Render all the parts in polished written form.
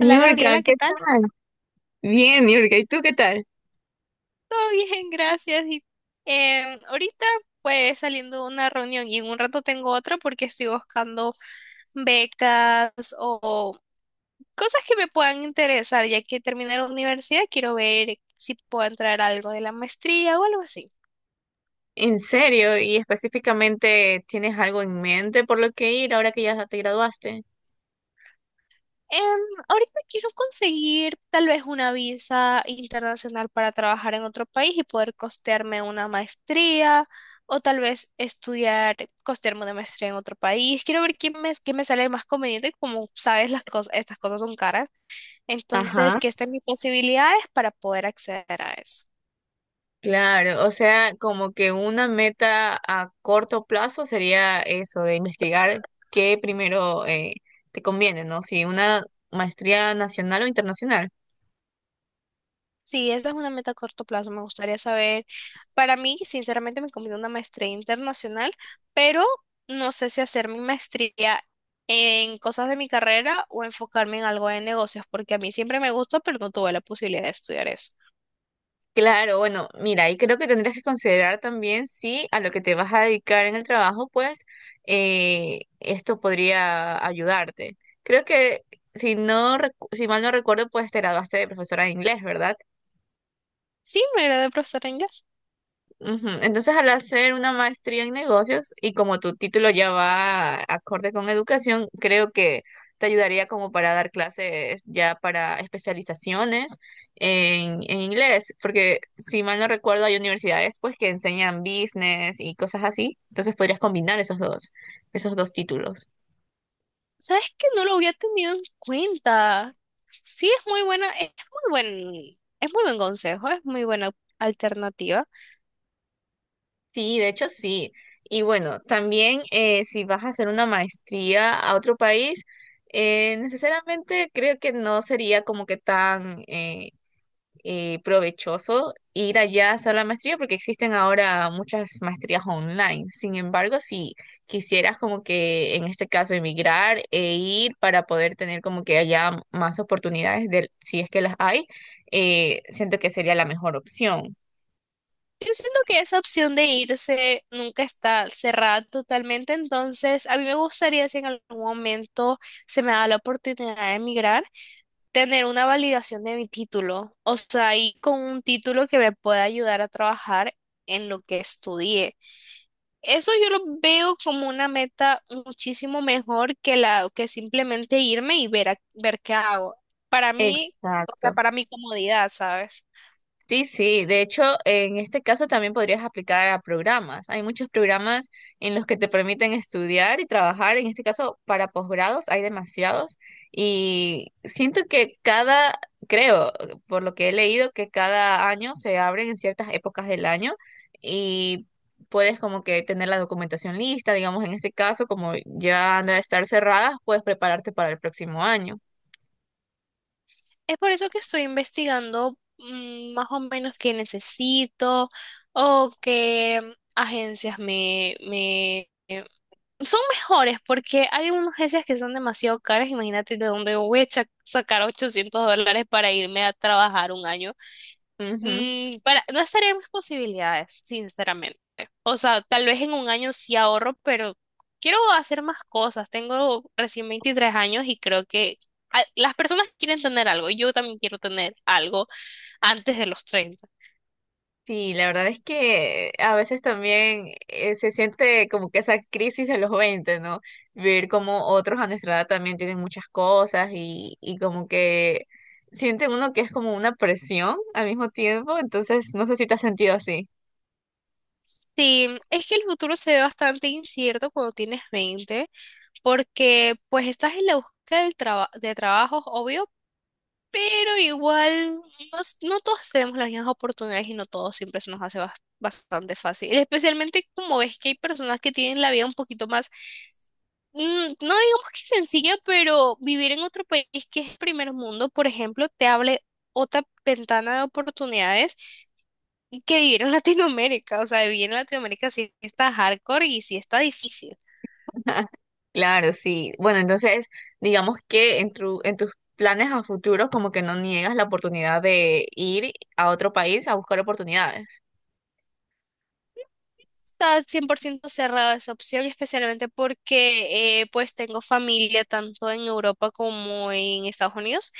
Hola Gabriela, ¿qué ¿qué tal? tal? Bien, Niurka, ¿y tú qué tal? Todo bien, gracias. Y ahorita pues saliendo de una reunión y en un rato tengo otra porque estoy buscando becas o cosas que me puedan interesar, ya que terminé la universidad, quiero ver si puedo entrar a algo de la maestría o algo así. En serio, y específicamente, ¿tienes algo en mente por lo que ir ahora que ya te graduaste? Em, Ahorita quiero conseguir tal vez una visa internacional para trabajar en otro país y poder costearme una maestría o tal vez estudiar, costearme una maestría en otro país. Quiero ver qué me sale más conveniente, como sabes, las cosas, estas cosas son caras. Entonces, Ajá. qué están mis posibilidades para poder acceder a eso. Claro, o sea, como que una meta a corto plazo sería eso, de investigar qué primero te conviene, ¿no? Si una maestría nacional o internacional. Sí, esta es una meta a corto plazo. Me gustaría saber, para mí, sinceramente, me conviene una maestría internacional, pero no sé si hacer mi maestría en cosas de mi carrera o enfocarme en algo de negocios, porque a mí siempre me gustó, pero no tuve la posibilidad de estudiar eso. Claro, bueno, mira, y creo que tendrías que considerar también si a lo que te vas a dedicar en el trabajo, pues esto podría ayudarte. Creo que si no, si mal no recuerdo, pues te graduaste de profesora de inglés, ¿verdad? Sí, me gradué de profesora de inglés. Ujú. Entonces, al hacer una maestría en negocios y como tu título ya va acorde con educación, creo que te ayudaría como para dar clases ya para especializaciones en inglés, porque si mal no recuerdo hay universidades pues que enseñan business y cosas así, entonces podrías combinar esos dos títulos. ¿Sabes que no lo había tenido en cuenta? Sí, es muy buena, es muy buen consejo, es muy buena alternativa. Sí, de hecho sí. Y bueno, también si vas a hacer una maestría a otro país, necesariamente creo que no sería como que tan provechoso ir allá a hacer la maestría porque existen ahora muchas maestrías online. Sin embargo, si quisieras como que en este caso emigrar e ir para poder tener como que allá más oportunidades de, si es que las hay, siento que sería la mejor opción. Yo siento que esa opción de irse nunca está cerrada totalmente, entonces a mí me gustaría si en algún momento se me da la oportunidad de emigrar, tener una validación de mi título, o sea, y con un título que me pueda ayudar a trabajar en lo que estudié. Eso yo lo veo como una meta muchísimo mejor que la que simplemente irme y ver ver qué hago. Para mí, o sea, Exacto. para mi comodidad, ¿sabes? Sí, sí, de hecho, en este caso también podrías aplicar a programas. Hay muchos programas en los que te permiten estudiar y trabajar. En este caso, para posgrados hay demasiados y siento que cada, creo, por lo que he leído, que cada año se abren en ciertas épocas del año y puedes como que tener la documentación lista, digamos, en este caso, como ya han de estar cerradas, puedes prepararte para el próximo año. Es por eso que estoy investigando más o menos qué necesito o qué agencias me son mejores porque hay unas agencias que son demasiado caras. Imagínate de dónde voy a sacar $800 para irme a trabajar un año. Ujú. Para, no estaría en mis posibilidades, sinceramente. O sea, tal vez en un año sí ahorro, pero quiero hacer más cosas. Tengo recién 23 años y creo que las personas quieren tener algo. Yo también quiero tener algo antes de los 30. Sí, la verdad es que a veces también se siente como que esa crisis a los 20, ¿no? Ver como otros a nuestra edad también tienen muchas cosas y como que siente uno que es como una presión al mismo tiempo, entonces no sé si te has sentido así. Sí, es que el futuro se ve bastante incierto cuando tienes 20 porque pues estás en la búsqueda del de trabajo, obvio. Pero igual, no, no todos tenemos las mismas oportunidades y no todos siempre se nos hace bastante fácil. Especialmente como ves que hay personas que tienen la vida un poquito más, no digamos que sencilla, pero vivir en otro país que es primer mundo, por ejemplo, te abre otra ventana de oportunidades que vivir en Latinoamérica. O sea, vivir en Latinoamérica sí está hardcore y sí está difícil. Claro, sí. Bueno, entonces digamos que en en tus planes a futuro como que no niegas la oportunidad de ir a otro país a buscar oportunidades. Está 100% cerrada esa opción, especialmente porque pues tengo familia tanto en Europa como en Estados Unidos.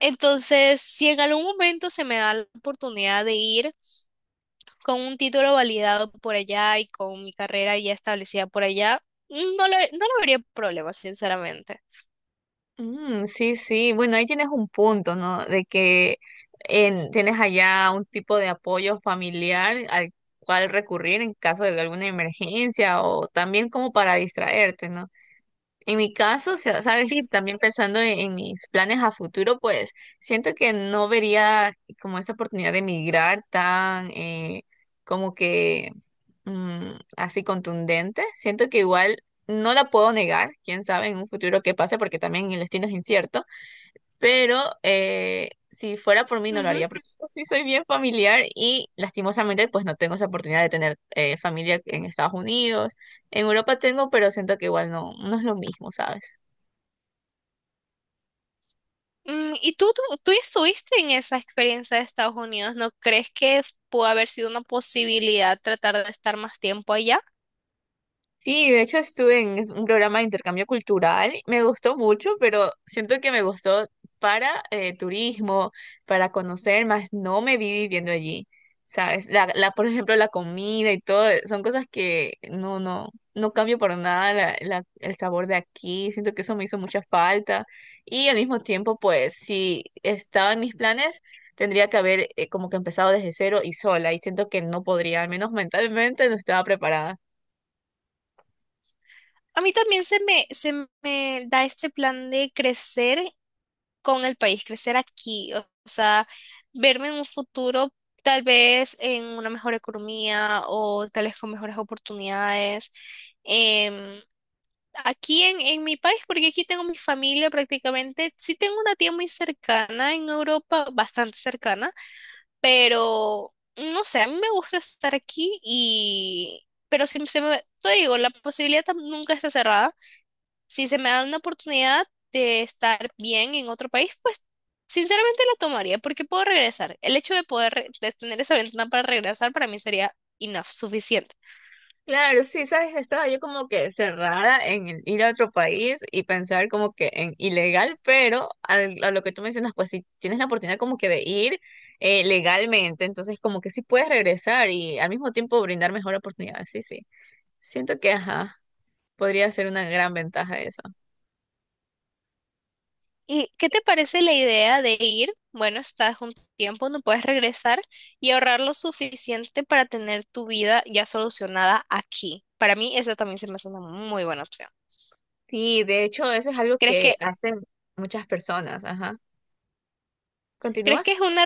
Entonces, si en algún momento se me da la oportunidad de ir con un título validado por allá y con mi carrera ya establecida por allá, no lo vería problema, sinceramente. Mm, sí, sí. Bueno, ahí tienes un punto, ¿no? De que tienes allá un tipo de apoyo familiar al cual recurrir en caso de alguna emergencia o también como para distraerte, ¿no? En mi caso, o sea, sabes, Sí. también pensando en mis planes a futuro, pues siento que no vería como esa oportunidad de emigrar tan como que así contundente. Siento que igual no la puedo negar, quién sabe en un futuro qué pase, porque también el destino es incierto pero si fuera por mí no lo Ujú. haría, porque yo sí soy bien familiar y lastimosamente pues no tengo esa oportunidad de tener familia en Estados Unidos. En Europa tengo, pero siento que igual no, no es lo mismo, ¿sabes? ¿Y tú ya estuviste en esa experiencia de Estados Unidos? ¿No crees que pudo haber sido una posibilidad tratar de estar más tiempo allá? Sí, de hecho estuve en un programa de intercambio cultural, me gustó mucho, pero siento que me gustó para turismo, para conocer, más no me vi viviendo allí, ¿sabes? Por ejemplo, la comida y todo, son cosas que no, no, no cambio por nada el sabor de aquí, siento que eso me hizo mucha falta y al mismo tiempo, pues, si estaba en mis planes, tendría que haber como que empezado desde cero y sola y siento que no podría, al menos mentalmente no estaba preparada. A mí también se me da este plan de crecer con el país, crecer aquí, o sea, verme en un futuro tal vez en una mejor economía o tal vez con mejores oportunidades. em, Aquí en mi país, porque aquí tengo mi familia prácticamente, sí tengo una tía muy cercana en Europa, bastante cercana, pero no sé, a mí me gusta estar aquí y. Pero si se me, te digo, la posibilidad nunca está cerrada si se me da una oportunidad de estar bien en otro país, pues sinceramente la tomaría porque puedo regresar. El hecho de poder de tener esa ventana para regresar para mí sería enough, suficiente. Claro, sí, sabes, estaba yo como que cerrada en el ir a otro país y pensar como que en ilegal, pero a lo que tú mencionas, pues si tienes la oportunidad como que de ir legalmente, entonces como que sí puedes regresar y al mismo tiempo brindar mejor oportunidad, sí, sí. Siento que, ajá, podría ser una gran ventaja eso. ¿Y qué te parece la idea de ir? Bueno, estás un tiempo, no puedes regresar y ahorrar lo suficiente para tener tu vida ya solucionada aquí. Para mí, esa también se me hace una muy buena opción. Sí, de hecho, eso es algo ¿Crees que que hacen muchas personas, ajá. ¿Crees Continúa. que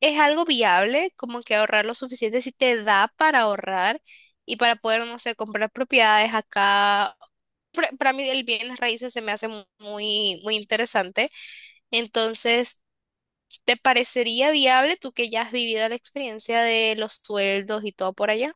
es algo viable, como que ahorrar lo suficiente si te da para ahorrar y para poder, no sé, comprar propiedades acá? Para mí el bienes raíces se me hace muy, muy interesante. Entonces, ¿te parecería viable tú que ya has vivido la experiencia de los sueldos y todo por allá?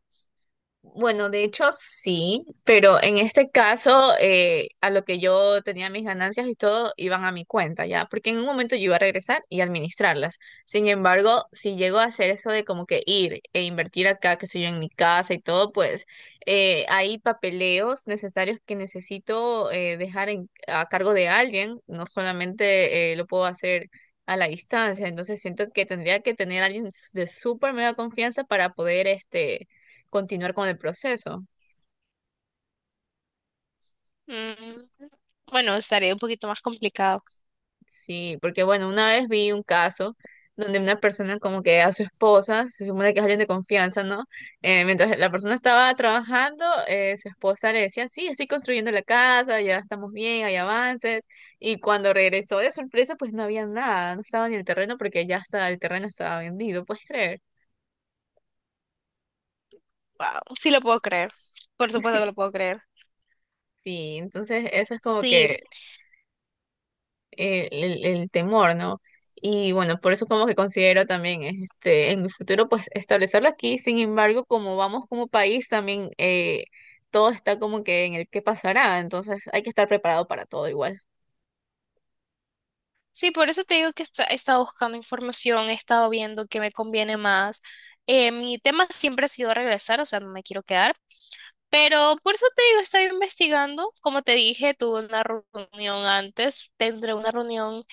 Bueno, de hecho sí, pero en este caso a lo que yo tenía mis ganancias y todo iban a mi cuenta, ¿ya? Porque en un momento yo iba a regresar y administrarlas. Sin embargo, si llego a hacer eso de como que ir e invertir acá, que sé yo, en mi casa y todo, pues hay papeleos necesarios que necesito dejar a cargo de alguien, no solamente lo puedo hacer a la distancia, entonces siento que tendría que tener a alguien de súper mega confianza para poder este continuar con el proceso. Mm, Bueno, estaría un poquito más complicado. Sí, porque bueno, una vez vi un caso donde una persona como que a su esposa, se supone que es alguien de confianza, ¿no? Mientras la persona estaba trabajando, su esposa le decía, sí, estoy construyendo la casa, ya estamos bien, hay avances. Y cuando regresó de sorpresa, pues no había nada, no estaba ni el terreno porque ya está, el terreno estaba vendido, ¿puedes creer? Wow, sí lo puedo creer. Por supuesto que lo puedo creer. Sí, entonces eso es como Sí. que el temor, ¿no? Y bueno, por eso como que considero también este, en mi futuro pues establecerlo aquí, sin embargo, como vamos como país también todo está como que en el qué pasará, entonces hay que estar preparado para todo igual. Sí, por eso te digo que he estado buscando información, he estado viendo qué me conviene más. Mi tema siempre ha sido regresar, o sea, no me quiero quedar, pero por eso te digo, estoy investigando. Como te dije, tuve una reunión antes, tendré una reunión,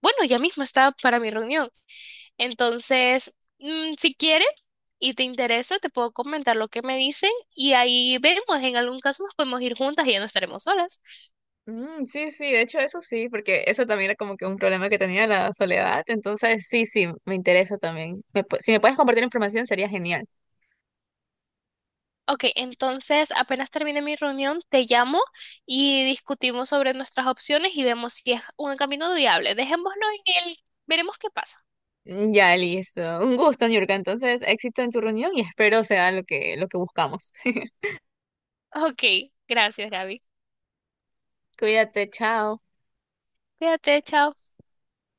bueno, ya mismo está para mi reunión. Entonces, si quieres y te interesa, te puedo comentar lo que me dicen y ahí vemos, en algún caso nos podemos ir juntas y ya no estaremos solas. Mm, sí, sí, de hecho eso sí, porque eso también era como que un problema que tenía la soledad, entonces sí, sí, me interesa también. Si me puedes compartir información sería genial. Ok, entonces apenas termine mi reunión, te llamo y discutimos sobre nuestras opciones y vemos si es un camino viable. Dejémoslo en el, veremos qué pasa. Mm, ya, listo. Un gusto, Niurka. Entonces, éxito en tu reunión y espero sea lo que buscamos. Ok, gracias, Gaby. Cuídate, chao. Cuídate, chao.